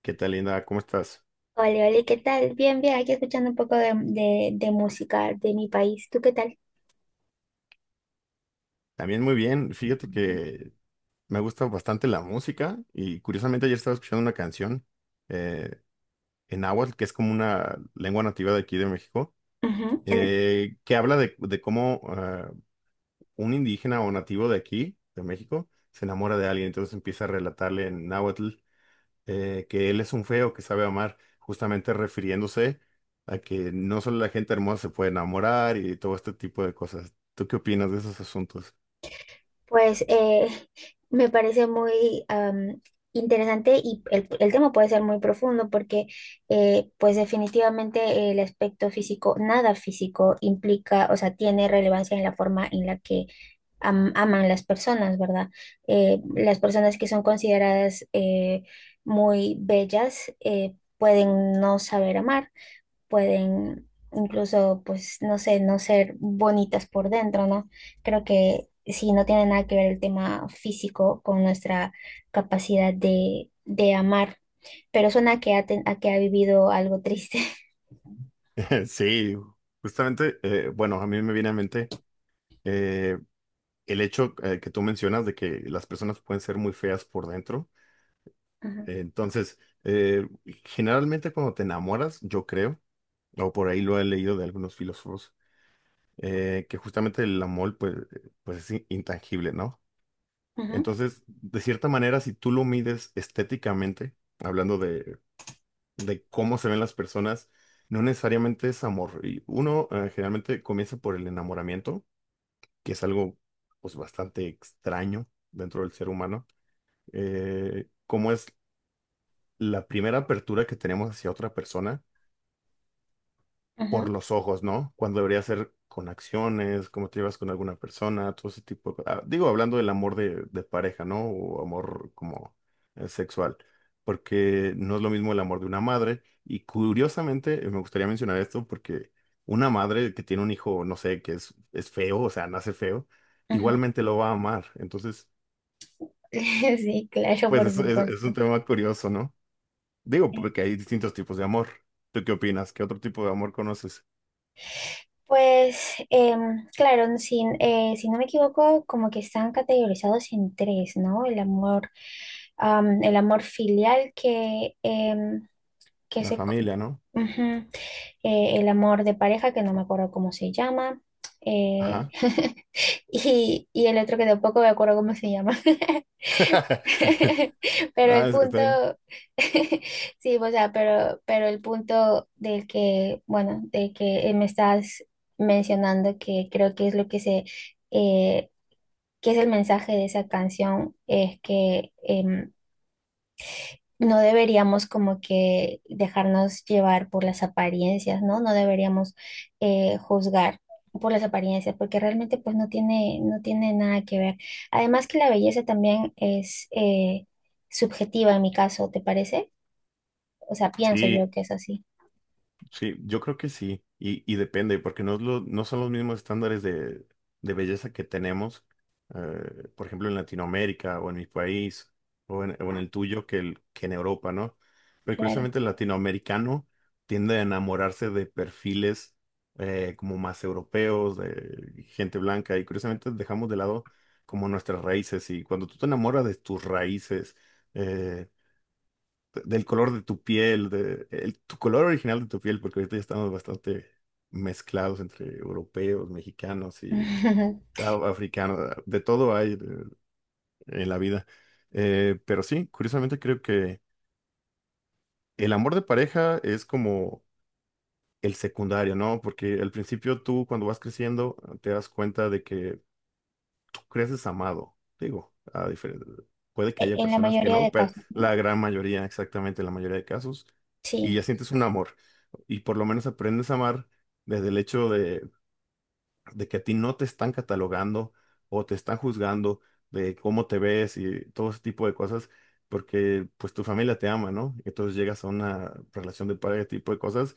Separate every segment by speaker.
Speaker 1: ¿Qué tal, Linda? ¿Cómo estás?
Speaker 2: Hola, hola, ¿qué tal? Bien, bien, aquí escuchando un poco de música de mi país. ¿Tú qué tal?
Speaker 1: También muy bien. Fíjate que me gusta bastante la música y curiosamente ayer estaba escuchando una canción eh, en náhuatl, que es como una lengua nativa de aquí de México,
Speaker 2: Ujú.
Speaker 1: que habla de cómo un indígena o nativo de aquí, de México, se enamora de alguien. Entonces empieza a relatarle en náhuatl que él es un feo que sabe amar, justamente refiriéndose a que no solo la gente hermosa se puede enamorar y todo este tipo de cosas. ¿Tú qué opinas de esos asuntos?
Speaker 2: Pues me parece muy interesante y el tema puede ser muy profundo porque pues definitivamente el aspecto físico, nada físico implica, o sea, tiene relevancia en la forma en la que aman las personas, ¿verdad? Las personas que son consideradas muy bellas pueden no saber amar, pueden incluso, pues, no sé, no ser bonitas por dentro, ¿no? Creo que sí, no tiene nada que ver el tema físico con nuestra capacidad de amar, pero suena a que a que ha vivido algo triste.
Speaker 1: Sí, justamente, bueno, a mí me viene a mente eh, el hecho que tú mencionas de que las personas pueden ser muy feas por dentro.
Speaker 2: Ajá,
Speaker 1: Entonces, eh, generalmente cuando te enamoras, yo creo, o por ahí lo he leído de algunos filósofos, que justamente el amor pues, pues es intangible, ¿no?
Speaker 2: ajá,
Speaker 1: Entonces, de cierta manera, si tú lo mides estéticamente, hablando de cómo se ven las personas, no necesariamente es amor. Y uno generalmente comienza por el enamoramiento que es algo pues bastante extraño dentro del ser humano, cómo es la primera apertura que tenemos hacia otra persona
Speaker 2: ajá,
Speaker 1: por los ojos, ¿no? Cuando debería ser con acciones, cómo te llevas con alguna persona, todo ese tipo de... digo, hablando del amor de pareja, ¿no? O amor como sexual, porque no es lo mismo el amor de una madre. Y curiosamente, me gustaría mencionar esto porque una madre que tiene un hijo, no sé, que es feo, o sea, nace feo,
Speaker 2: ajá.
Speaker 1: igualmente lo va a amar. Entonces,
Speaker 2: Sí, claro,
Speaker 1: pues
Speaker 2: por
Speaker 1: es un
Speaker 2: supuesto.
Speaker 1: tema curioso, ¿no? Digo, porque hay distintos tipos de amor. ¿Tú qué opinas? ¿Qué otro tipo de amor conoces?
Speaker 2: Pues, claro, si no me equivoco, como que están categorizados en tres, ¿no? El amor, el amor filial que, que
Speaker 1: La
Speaker 2: se, co-
Speaker 1: familia, ¿no?
Speaker 2: ujú, el amor de pareja, que no me acuerdo cómo se llama, eh,
Speaker 1: Ajá.
Speaker 2: y el otro que tampoco me acuerdo cómo se llama. Pero el
Speaker 1: Ah, está
Speaker 2: punto,
Speaker 1: bien.
Speaker 2: sí, o sea, pero el punto del que, bueno, de que me estás mencionando, que creo que es lo que eh, que es el mensaje de esa canción, es que no deberíamos como que dejarnos llevar por las apariencias, ¿no? No deberíamos juzgar por las apariencias, porque realmente pues no tiene, no tiene nada que ver. Además que la belleza también es subjetiva en mi caso, ¿te parece? O sea, pienso yo
Speaker 1: Sí,
Speaker 2: que es así,
Speaker 1: sí, yo creo que sí, y depende, porque no, no son los mismos estándares de belleza que tenemos, por ejemplo, en Latinoamérica o en mi país o en el tuyo que, que en Europa, ¿no? Pero
Speaker 2: claro.
Speaker 1: curiosamente el latinoamericano tiende a enamorarse de perfiles como más europeos, de gente blanca, y curiosamente dejamos de lado como nuestras raíces, y cuando tú te enamoras de tus raíces, eh, del color de tu piel, tu color original de tu piel, porque ahorita ya estamos bastante mezclados entre europeos, mexicanos y africanos, de todo hay en la vida. Pero sí, curiosamente creo que el amor de pareja es como el secundario, ¿no? Porque al principio tú cuando vas creciendo te das cuenta de que creces amado. Digo, puede que
Speaker 2: En
Speaker 1: haya
Speaker 2: en la
Speaker 1: personas que
Speaker 2: mayoría de
Speaker 1: no, pero
Speaker 2: casos, ¿no?
Speaker 1: la gran mayoría, exactamente la mayoría de casos, y
Speaker 2: Sí,
Speaker 1: ya sientes un amor. Y por lo menos aprendes a amar desde el hecho de que a ti no te están catalogando o te están juzgando de cómo te ves y todo ese tipo de cosas, porque pues tu familia te ama, ¿no? Entonces llegas a una relación de pareja, ese tipo de cosas,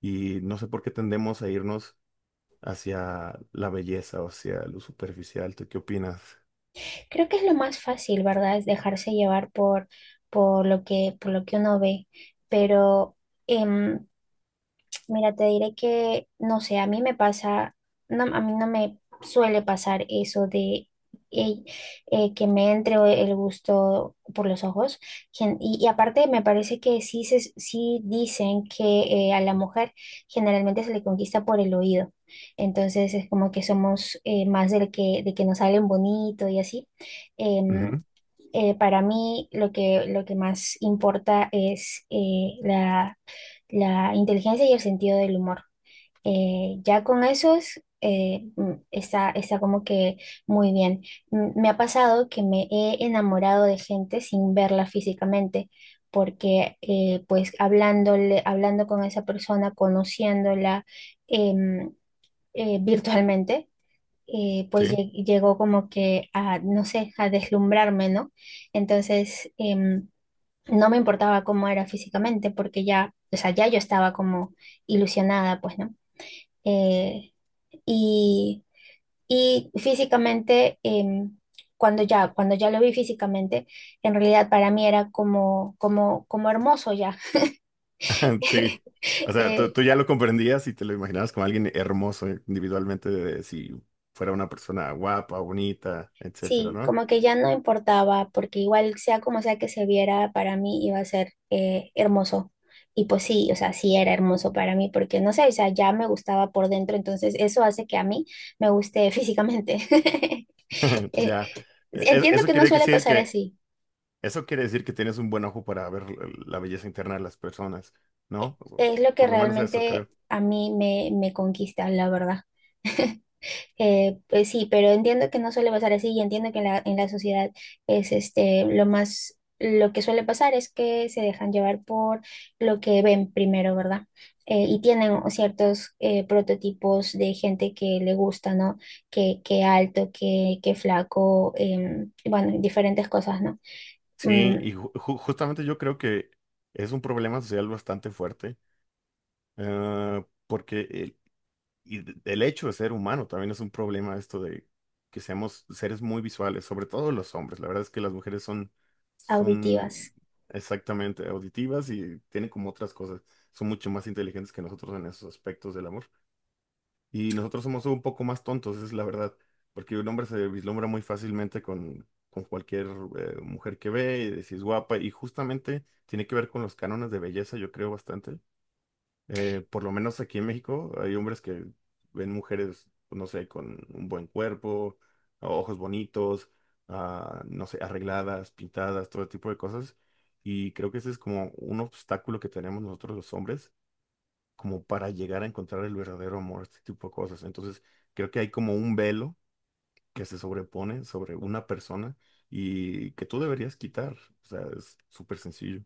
Speaker 1: y no sé por qué tendemos a irnos hacia la belleza o hacia lo superficial. ¿Tú qué opinas?
Speaker 2: creo que es lo más fácil, ¿verdad? Es dejarse llevar por lo que uno ve, pero... em, mira, te diré que, no sé, a mí me pasa, no, a mí no me suele pasar eso de eh, que me entre el gusto por los ojos. Y aparte me parece que sí, sí dicen que a la mujer generalmente se le conquista por el oído. Entonces es como que somos más del que, de que nos salen bonito y así. Em, para mí lo que más importa es la la inteligencia y el sentido del humor. Ya con esos está, está como que muy bien. Me ha pasado que me he enamorado de gente sin verla físicamente, porque pues hablándole, hablando con esa persona, conociéndola em, virtualmente. Pues
Speaker 1: Sí,
Speaker 2: llegó como que a, no sé, a deslumbrarme, ¿no? Entonces, no me importaba cómo era físicamente, porque ya, o sea, ya yo estaba como ilusionada, pues, ¿no? Eh, y, y físicamente, cuando ya lo vi físicamente, en realidad para mí era como, como, como hermoso ya.
Speaker 1: sí. O sea,
Speaker 2: Eh,
Speaker 1: tú ya lo comprendías y te lo imaginabas como alguien hermoso individualmente, si fuera una persona guapa, bonita, etcétera,
Speaker 2: Sí,
Speaker 1: ¿no?
Speaker 2: como que ya no importaba, porque igual sea como sea que se viera, para mí iba a ser hermoso. Y pues sí, o sea, sí era hermoso para mí, porque no sé, o sea, ya me gustaba por dentro, entonces eso hace que a mí me guste físicamente. Eh,
Speaker 1: Ya.
Speaker 2: Entiendo
Speaker 1: Eso
Speaker 2: que no
Speaker 1: quiere
Speaker 2: suele
Speaker 1: decir
Speaker 2: pasar
Speaker 1: que,
Speaker 2: así,
Speaker 1: eso quiere decir que tienes un buen ojo para ver la belleza interna de las personas, ¿no?
Speaker 2: es lo que
Speaker 1: Por lo menos eso
Speaker 2: realmente
Speaker 1: creo.
Speaker 2: a mí me, me conquista, la verdad. Pues sí, pero entiendo que no suele pasar así y entiendo que en en la sociedad es este lo más, lo que suele pasar es que se dejan llevar por lo que ven primero, ¿verdad? Y tienen ciertos prototipos de gente que le gusta, ¿no? Que alto, que flaco, bueno, diferentes cosas, ¿no?
Speaker 1: Sí,
Speaker 2: Mm,
Speaker 1: y justamente yo creo que es un problema social bastante fuerte, porque y el hecho de ser humano también es un problema esto de que seamos seres muy visuales, sobre todo los hombres. La verdad es que las mujeres son
Speaker 2: Auditivas.
Speaker 1: exactamente auditivas y tienen como otras cosas. Son mucho más inteligentes que nosotros en esos aspectos del amor. Y nosotros somos un poco más tontos, es la verdad. Porque un hombre se vislumbra muy fácilmente con cualquier mujer que ve, y de si es guapa, y justamente tiene que ver con los cánones de belleza, yo creo bastante por lo menos aquí en México hay hombres que ven mujeres, pues, no sé, con un buen cuerpo, ojos bonitos, no sé, arregladas, pintadas, todo tipo de cosas. Y creo que ese es como un obstáculo que tenemos nosotros los hombres, como para llegar a encontrar el verdadero amor, este tipo de cosas. Entonces, creo que hay como un velo que se sobrepone sobre una persona y que tú deberías quitar. O sea, es súper sencillo.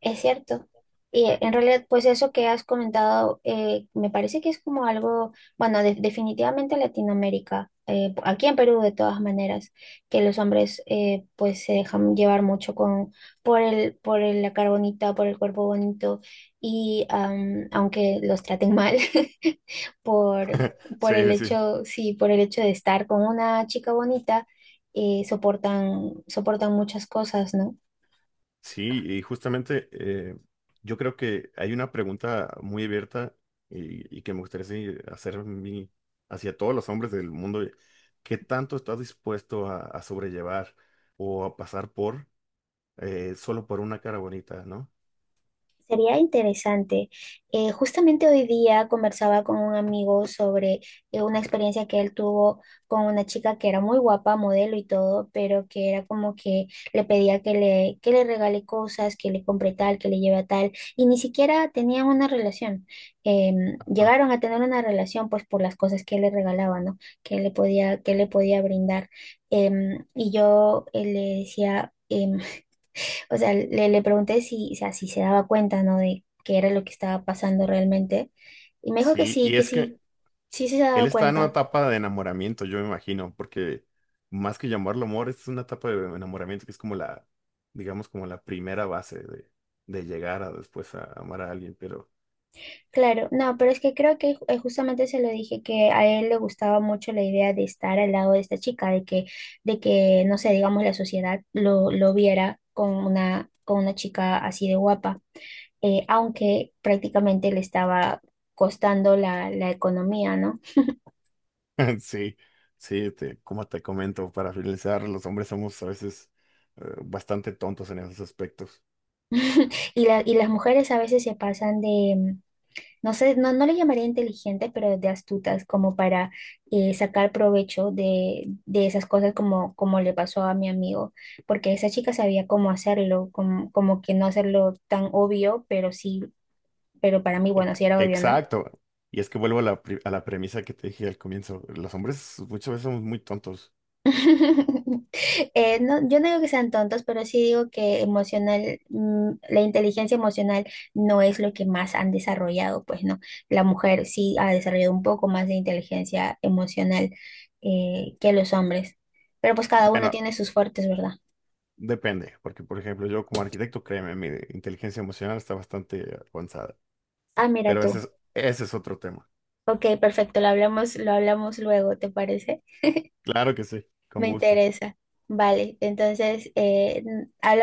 Speaker 2: Es cierto. Y en realidad, pues eso que has comentado, me parece que es como algo, bueno, definitivamente Latinoamérica, aquí en Perú de todas maneras, que los hombres pues se dejan llevar mucho con, por el, la cara bonita, por el cuerpo bonito, y aunque los traten mal, por, por el
Speaker 1: Sí, sí.
Speaker 2: hecho, sí, por el hecho de estar con una chica bonita, soportan, soportan muchas cosas, ¿no?
Speaker 1: Sí, y justamente yo creo que hay una pregunta muy abierta y que me gustaría sí, hacer hacia todos los hombres del mundo. ¿Qué tanto estás dispuesto a sobrellevar o a pasar por solo por una cara bonita, ¿no?
Speaker 2: Sería interesante. Justamente hoy día conversaba con un amigo sobre una experiencia que él tuvo con una chica que era muy guapa, modelo y todo, pero que era como que le pedía que le regale cosas, que le compre tal, que le lleve a tal, y ni siquiera tenían una relación.
Speaker 1: Ajá.
Speaker 2: Llegaron a tener una relación pues por las cosas que él le regalaba, ¿no? Que él le podía, que él le podía brindar. Y yo le decía... o sea, le pregunté si, o sea, si se daba cuenta, ¿no? De qué era lo que estaba pasando realmente. Y me dijo
Speaker 1: Sí, y
Speaker 2: que
Speaker 1: es que
Speaker 2: sí, sí se
Speaker 1: él
Speaker 2: daba
Speaker 1: está en una
Speaker 2: cuenta.
Speaker 1: etapa de enamoramiento, yo me imagino, porque más que llamarlo amor, es una etapa de enamoramiento que es como la, digamos, como la primera base de llegar a después a amar a alguien, pero...
Speaker 2: Claro, no, pero es que creo que justamente se lo dije que a él le gustaba mucho la idea de estar al lado de esta chica, de que, no sé, digamos, la sociedad lo viera con una chica así de guapa, aunque prácticamente le estaba costando la, la economía, ¿no?
Speaker 1: Sí, sí, como te comento, para finalizar, los hombres somos a veces bastante tontos en esos aspectos.
Speaker 2: Y, y las mujeres a veces se pasan de, no sé, no, no le llamaría inteligentes, pero de astutas, como para sacar provecho de esas cosas como, como le pasó a mi amigo, porque esa chica sabía cómo hacerlo, como, como que no hacerlo tan obvio, pero sí, pero para mí,
Speaker 1: E-
Speaker 2: bueno, sí era obvio, ¿no?
Speaker 1: Exacto. Y es que vuelvo a la, a la premisa que te dije al comienzo. Los hombres muchas veces somos muy tontos.
Speaker 2: No, yo no digo que sean tontos, pero sí digo que emocional, la inteligencia emocional no es lo que más han desarrollado, pues no. La mujer sí ha desarrollado un poco más de inteligencia emocional que los hombres, pero pues cada uno
Speaker 1: Bueno,
Speaker 2: tiene sus fuertes, ¿verdad?
Speaker 1: depende, porque por ejemplo, yo como arquitecto, créeme, mi inteligencia emocional está bastante avanzada.
Speaker 2: Ah, mira
Speaker 1: Pero ese
Speaker 2: tú.
Speaker 1: ese es otro tema.
Speaker 2: Ok, perfecto, lo hablamos luego, ¿te parece?
Speaker 1: Claro que sí, con
Speaker 2: Me
Speaker 1: gusto.
Speaker 2: interesa. Vale, entonces hablamos.